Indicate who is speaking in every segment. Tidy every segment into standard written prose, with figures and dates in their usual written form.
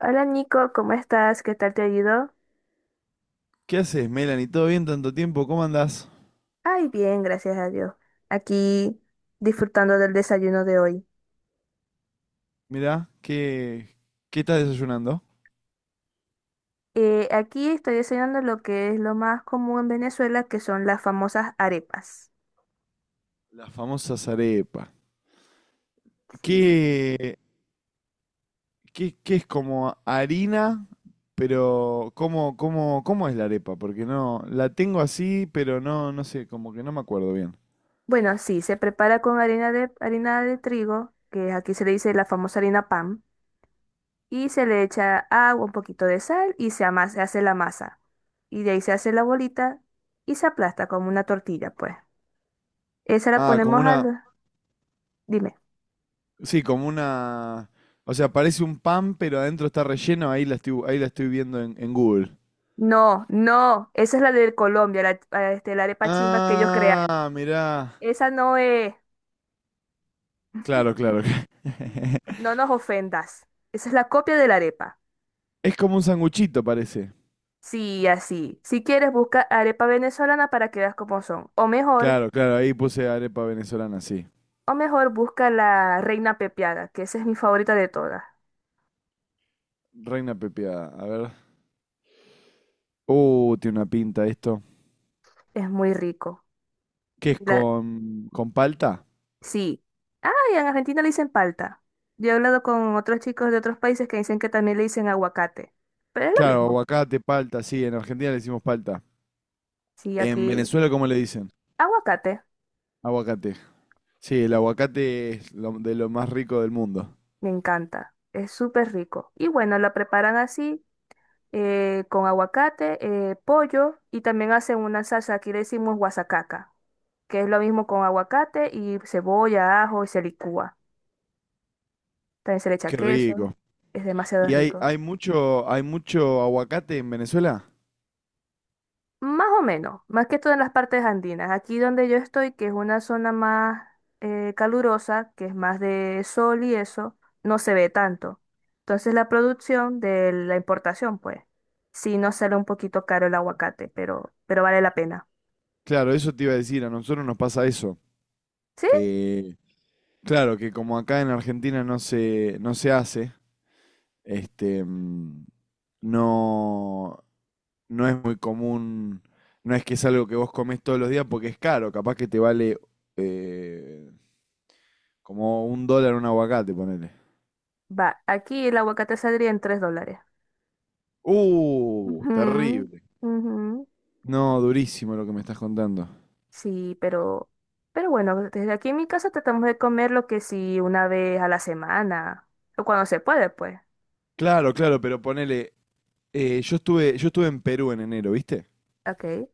Speaker 1: Hola Nico, ¿cómo estás? ¿Qué tal te ha ido?
Speaker 2: ¿Qué haces, Melanie? ¿Todo bien tanto tiempo? ¿Cómo andás?
Speaker 1: Ay, bien, gracias a Dios. Aquí disfrutando del desayuno de hoy.
Speaker 2: Mirá, ¿qué estás desayunando?
Speaker 1: Aquí estoy desayunando lo que es lo más común en Venezuela, que son las famosas arepas.
Speaker 2: Las famosas arepas.
Speaker 1: Sí.
Speaker 2: ¿Qué, ¿qué es como harina? Pero, ¿cómo es la arepa? Porque no, la tengo así, pero no, no sé, como que no me acuerdo bien.
Speaker 1: Bueno, sí, se prepara con harina de trigo, que aquí se le dice la famosa harina pan, y se le echa agua, un poquito de sal y se hace la masa. Y de ahí se hace la bolita y se aplasta como una tortilla, pues. Esa la
Speaker 2: Ah, como
Speaker 1: ponemos
Speaker 2: una,
Speaker 1: al... Dime.
Speaker 2: sí, como una, o sea, parece un pan, pero adentro está relleno, ahí la estoy viendo en Google.
Speaker 1: No, no, esa es la de Colombia, la, este, la arepa chimba que ellos crearon.
Speaker 2: Ah, mirá.
Speaker 1: Esa no es.
Speaker 2: Claro, claro.
Speaker 1: Ujú. No nos ofendas. Esa es la copia de la arepa.
Speaker 2: Es como un sanguchito, parece.
Speaker 1: Sí, así. Si quieres, busca arepa venezolana para que veas cómo son.
Speaker 2: Claro, claro, ahí puse arepa venezolana, sí.
Speaker 1: O mejor, busca la reina pepiada, que esa es mi favorita de todas.
Speaker 2: Reina pepiada, a ver. Tiene una pinta esto.
Speaker 1: Es muy rico.
Speaker 2: ¿Qué es
Speaker 1: La,
Speaker 2: con palta?
Speaker 1: sí. Ah, y en Argentina le dicen palta. Yo he hablado con otros chicos de otros países que dicen que también le dicen aguacate. Pero es lo
Speaker 2: Claro,
Speaker 1: mismo.
Speaker 2: aguacate, palta, sí, en Argentina le decimos palta.
Speaker 1: Sí,
Speaker 2: En
Speaker 1: aquí,
Speaker 2: Venezuela, ¿cómo le dicen?
Speaker 1: aguacate.
Speaker 2: Aguacate. Sí, el aguacate de lo más rico del mundo.
Speaker 1: Me encanta, es súper rico. Y bueno, la preparan así, con aguacate, pollo y también hacen una salsa, aquí le decimos guasacaca, que es lo mismo con aguacate y cebolla, ajo y se licúa. También se le echa
Speaker 2: Qué
Speaker 1: queso,
Speaker 2: rico.
Speaker 1: es demasiado rico.
Speaker 2: ¿Hay hay mucho aguacate en Venezuela?
Speaker 1: Más o menos, más que todo en las partes andinas. Aquí donde yo estoy, que es una zona más calurosa, que es más de sol y eso, no se ve tanto. Entonces la producción de la importación, pues, sí nos sale un poquito caro el aguacate, pero vale la pena.
Speaker 2: Claro, eso te iba a decir, a nosotros nos pasa eso,
Speaker 1: ¿Sí?
Speaker 2: que claro, que como acá en Argentina no se hace. Este, mm, no, no es muy común, no es que es algo que vos comés todos los días porque es caro, capaz que te vale eh, como un dólar un aguacate, ponele.
Speaker 1: Va, aquí el aguacate saldría en $3. Ujú,
Speaker 2: Terrible.
Speaker 1: ujú.
Speaker 2: No, durísimo lo que me estás contando.
Speaker 1: Sí, pero bueno, desde aquí en mi casa tratamos de comer lo que sí 1 vez a la semana, o cuando se puede, pues.
Speaker 2: Claro, claro, pero ponele, yo estuve en Perú en enero, ¿viste?
Speaker 1: Ok.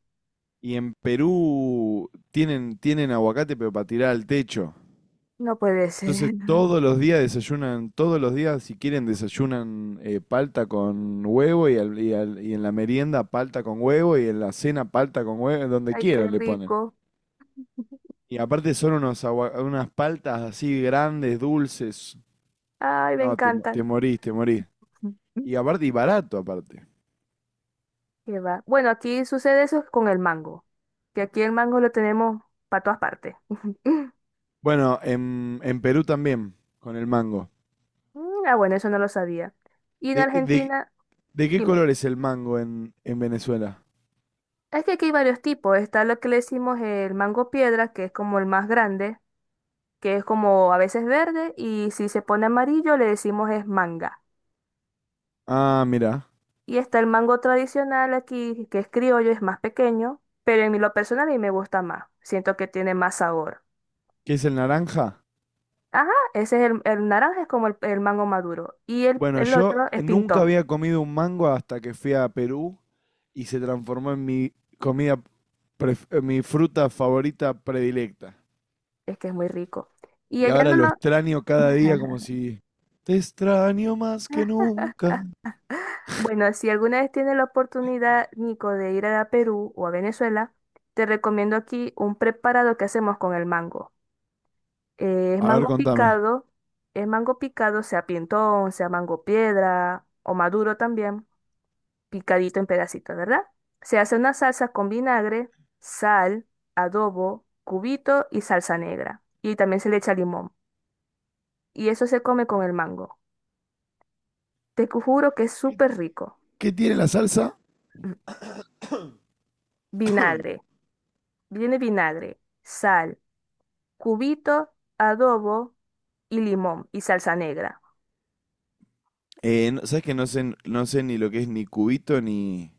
Speaker 2: Y en Perú tienen aguacate, pero para tirar al techo.
Speaker 1: No puede
Speaker 2: Entonces
Speaker 1: ser.
Speaker 2: todos los días desayunan, todos los días si quieren desayunan palta con huevo y en la merienda palta con huevo y en la cena palta con huevo, donde
Speaker 1: Ay, qué
Speaker 2: quieran le ponen.
Speaker 1: rico.
Speaker 2: Y aparte son unas paltas así grandes, dulces.
Speaker 1: Ay, me
Speaker 2: No, te, mo- te
Speaker 1: encantan.
Speaker 2: morís, te morís. Y aparte, y barato aparte.
Speaker 1: Qué va. Bueno, aquí sucede eso con el mango, que aquí el mango lo tenemos para todas partes.
Speaker 2: Bueno, en Perú también, con el mango.
Speaker 1: Mm. Ah, bueno, eso no lo sabía. Y en
Speaker 2: ¿De, de-
Speaker 1: Argentina,
Speaker 2: ¿de qué
Speaker 1: dime,
Speaker 2: color es el mango en Venezuela?
Speaker 1: es que aquí hay varios tipos. Está lo que le decimos el mango piedra, que es como el más grande, que es como a veces verde, y si se pone amarillo le decimos es manga.
Speaker 2: Ah, mira.
Speaker 1: Y está el mango tradicional aquí, que es criollo, es más pequeño, pero en lo personal a mí me gusta más. Siento que tiene más sabor.
Speaker 2: ¿Qué es el naranja?
Speaker 1: Ajá, ese es el naranja, es como el mango maduro. Y
Speaker 2: Bueno,
Speaker 1: el
Speaker 2: yo
Speaker 1: otro es
Speaker 2: nunca
Speaker 1: pintón,
Speaker 2: había comido un mango hasta que fui a Perú y se transformó en mi comida, en mi fruta favorita predilecta.
Speaker 1: es que es muy rico. Y
Speaker 2: Y
Speaker 1: ella
Speaker 2: ahora
Speaker 1: no
Speaker 2: lo
Speaker 1: lo...
Speaker 2: extraño cada día como si... Te extraño más que nunca.
Speaker 1: Bueno, si alguna vez tienes la oportunidad, Nico, de ir a Perú o a Venezuela, te recomiendo aquí un preparado que hacemos con el mango. Eh, es
Speaker 2: A ver,
Speaker 1: mango
Speaker 2: contame.
Speaker 1: picado, es mango picado, sea pintón, sea mango piedra o maduro también. Picadito en pedacitos, ¿verdad? Se hace una salsa con vinagre, sal, adobo, cubito y salsa negra. Y también se le echa limón. Y eso se come con el mango. Juro que es
Speaker 2: ¿Qué,
Speaker 1: súper rico.
Speaker 2: ¿qué tiene
Speaker 1: Eh,
Speaker 2: la salsa?
Speaker 1: v- Vinagre, viene vinagre, sal, cubito, adobo y limón y salsa negra.
Speaker 2: ¿Sabes que no sé, no sé ni lo que es ni cubito ni,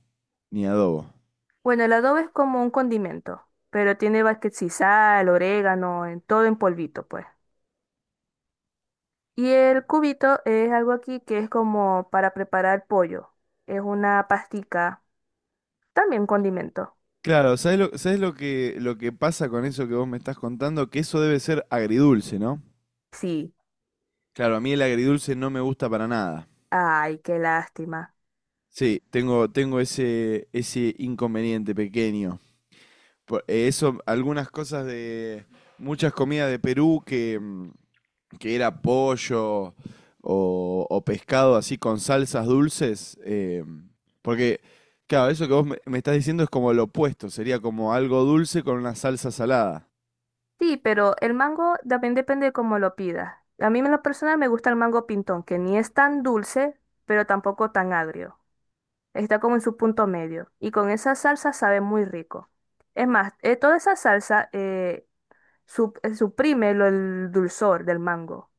Speaker 2: ni adobo?
Speaker 1: Bueno, el adobo es como un condimento, pero tiene va que si sal, orégano, en, todo en polvito, pues. Y el cubito es algo aquí que es como para preparar pollo. Es una pastica, también condimento.
Speaker 2: Claro, ¿sabés lo que pasa con eso que vos me estás contando? Que eso debe ser agridulce, ¿no?
Speaker 1: Sí,
Speaker 2: Claro, a mí el agridulce no me gusta para nada.
Speaker 1: ay, qué lástima.
Speaker 2: Sí, tengo ese, ese inconveniente pequeño. Eso, algunas cosas de muchas comidas de Perú que era pollo o pescado así con salsas dulces. Porque, claro, eso que me estás diciendo es como lo opuesto, sería como algo dulce con una salsa salada.
Speaker 1: Sí, pero el mango también depende cómo lo pidas. A mí en lo personal me gusta el mango pintón, que ni es tan dulce, pero tampoco tan agrio. Está como en su punto medio. Y con esa salsa sabe muy rico. Toda esa salsa suprime el dulzor del mango.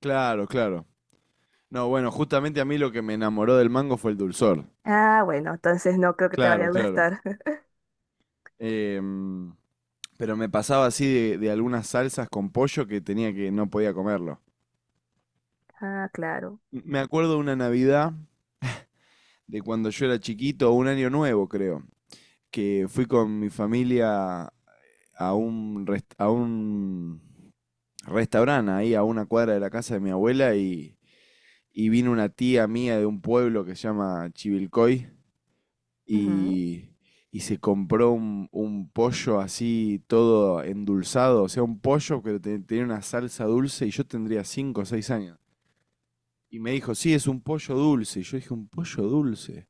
Speaker 2: Claro, claro. No, bueno, justamente a mí lo que me enamoró del mango fue el dulzor.
Speaker 1: Ah, bueno, entonces no creo que te vaya
Speaker 2: Claro,
Speaker 1: a
Speaker 2: claro.
Speaker 1: gustar.
Speaker 2: Em, Pero me pasaba así de algunas salsas con pollo que tenía que no podía comerlo.
Speaker 1: Ah, claro.
Speaker 2: Me acuerdo de una Navidad de cuando yo era chiquito, un año nuevo creo, que fui con mi familia a a un restaurante ahí a una cuadra de la casa de mi abuela y vino una tía mía de un pueblo que se llama Chivilcoy
Speaker 1: Ujú.
Speaker 2: y, y se compró un pollo así todo endulzado, o sea, un pollo tenía una salsa dulce y yo tendría 5 o 6 años. Y me dijo, sí, es un pollo dulce. Y yo dije, ¿un pollo dulce?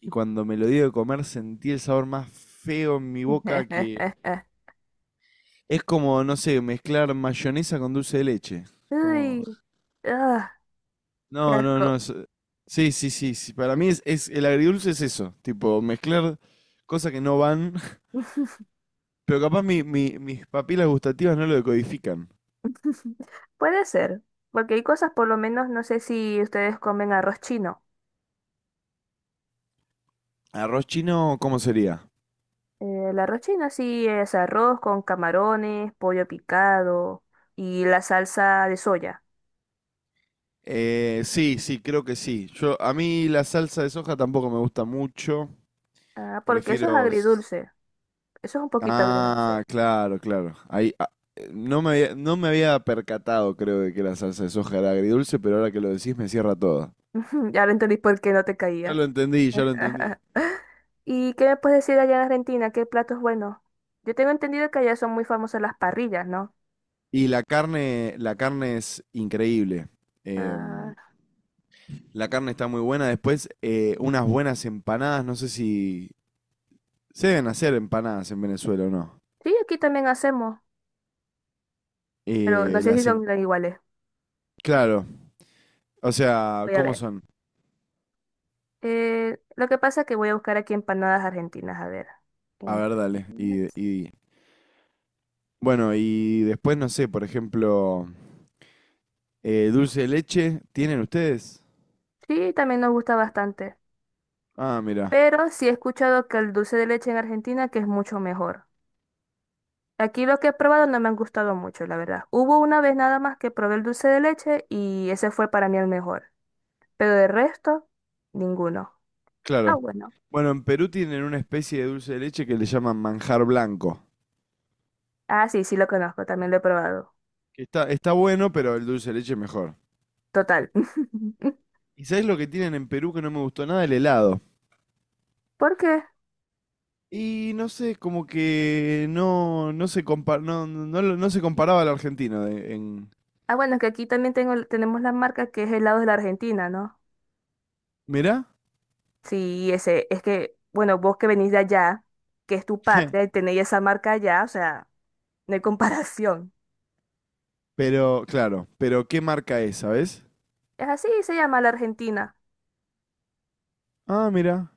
Speaker 2: Y cuando me lo dio de comer sentí el sabor más feo en mi boca que... Es como, no sé, mezclar mayonesa con dulce de leche. Como...
Speaker 1: Uy, ah, qué
Speaker 2: No, no, no.
Speaker 1: asco.
Speaker 2: Sí, sí, sí, sí. Para mí el agridulce es eso. Tipo, mezclar cosas que no van. Pero capaz mis papilas gustativas no lo decodifican.
Speaker 1: Puede ser, porque hay cosas, por lo menos, no sé si ustedes comen arroz chino.
Speaker 2: ¿Arroz chino cómo sería?
Speaker 1: El arroz chino sí es arroz con camarones, pollo picado y la salsa de soya.
Speaker 2: Sí, sí, creo que sí. Yo, a mí la salsa de soja tampoco me gusta mucho.
Speaker 1: Ah, porque eso es
Speaker 2: Prefiero.
Speaker 1: agridulce. Eso es un poquito
Speaker 2: Ah,
Speaker 1: agridulce.
Speaker 2: claro, claro. Ahí, ah, no me había percatado, creo, de que la salsa de soja era agridulce, pero ahora que lo decís me cierra toda.
Speaker 1: Ya lo entendí por qué no te
Speaker 2: Ya
Speaker 1: caía.
Speaker 2: lo entendí, ya lo entendí.
Speaker 1: ¿Y qué me puedes decir allá en Argentina? ¿Qué platos buenos? Yo tengo entendido que allá son muy famosas las parrillas, ¿no?
Speaker 2: Y la carne es increíble. Em,
Speaker 1: Ah,
Speaker 2: la carne está muy buena. Después, unas buenas empanadas. No sé si se deben hacer empanadas en Venezuela o no.
Speaker 1: sí, aquí también hacemos, pero no
Speaker 2: Eh,
Speaker 1: sé si
Speaker 2: las em-
Speaker 1: son tan iguales.
Speaker 2: claro, o sea,
Speaker 1: Voy a
Speaker 2: ¿cómo
Speaker 1: ver.
Speaker 2: son?
Speaker 1: Lo que pasa es que voy a buscar aquí empanadas argentinas, a ver.
Speaker 2: A ver, dale.
Speaker 1: Empanadas.
Speaker 2: Bueno, y después, no sé, por ejemplo, eh, dulce de leche, ¿tienen ustedes?
Speaker 1: Sí, también nos gusta bastante,
Speaker 2: Ah, mira,
Speaker 1: pero sí he escuchado que el dulce de leche en Argentina que es mucho mejor. Aquí lo que he probado no me han gustado mucho, la verdad. Hubo una vez nada más que probé el dulce de leche y ese fue para mí el mejor, pero de resto, ninguno. Ah,
Speaker 2: claro.
Speaker 1: bueno.
Speaker 2: Bueno, en Perú tienen una especie de dulce de leche que le llaman manjar blanco.
Speaker 1: Ah, sí, sí lo conozco, también lo he probado.
Speaker 2: Que está, está bueno, pero el dulce de leche es mejor.
Speaker 1: Total.
Speaker 2: ¿Y sabes lo que tienen en Perú que no me gustó nada? El helado.
Speaker 1: ¿Por qué?
Speaker 2: Y no sé, como que no no se comparaba al argentino en...
Speaker 1: Ah, bueno, es que aquí también tenemos la marca que es helado de la Argentina, ¿no?
Speaker 2: ¿Mirá?
Speaker 1: Sí, ese, es que, bueno, vos que venís de allá, que es tu patria, y tenéis esa marca allá, o sea, no hay comparación.
Speaker 2: Pero, claro, pero ¿qué marca es, sabes?
Speaker 1: Es así, se llama la Argentina.
Speaker 2: Ah, mira.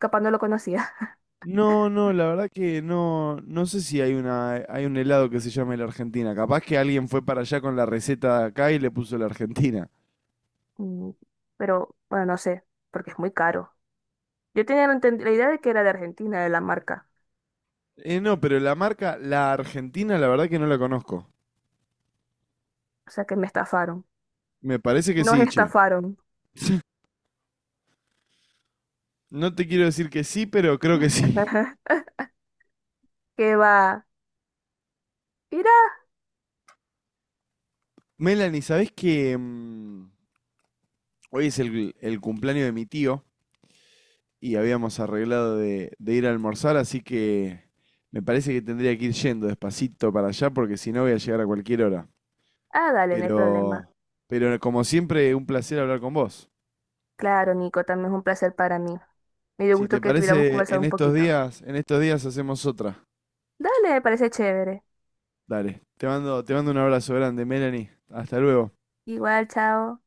Speaker 1: Capaz no lo conocía.
Speaker 2: No, no, la verdad que no, no sé si hay hay un helado que se llame la Argentina. Capaz que alguien fue para allá con la receta de acá y le puso la Argentina.
Speaker 1: Mm. Pero, bueno, no sé, porque es muy caro. Yo tenía la idea de que era de Argentina, de la marca.
Speaker 2: No, pero la marca, la Argentina, la verdad que no la conozco.
Speaker 1: O sea, que me estafaron.
Speaker 2: Me parece que
Speaker 1: Nos
Speaker 2: sí, che.
Speaker 1: estafaron.
Speaker 2: No te quiero decir que sí, pero creo que sí.
Speaker 1: ¿Qué va? ¿Irá?
Speaker 2: Melanie, ¿sabés que hoy es el cumpleaños de mi tío y habíamos arreglado de ir a almorzar, así que me parece que tendría que ir yendo despacito para allá porque si no voy a llegar a cualquier hora.
Speaker 1: Ah, dale, no hay problema.
Speaker 2: Pero, pero como siempre, un placer hablar con vos.
Speaker 1: Claro, Nico, también es un placer para mí. Me dio
Speaker 2: Si te
Speaker 1: gusto que tuviéramos
Speaker 2: parece,
Speaker 1: conversado un poquito.
Speaker 2: en estos días hacemos otra.
Speaker 1: Dale, me parece chévere.
Speaker 2: Dale, te mando un abrazo grande, Melanie. Hasta luego.
Speaker 1: Igual, chao.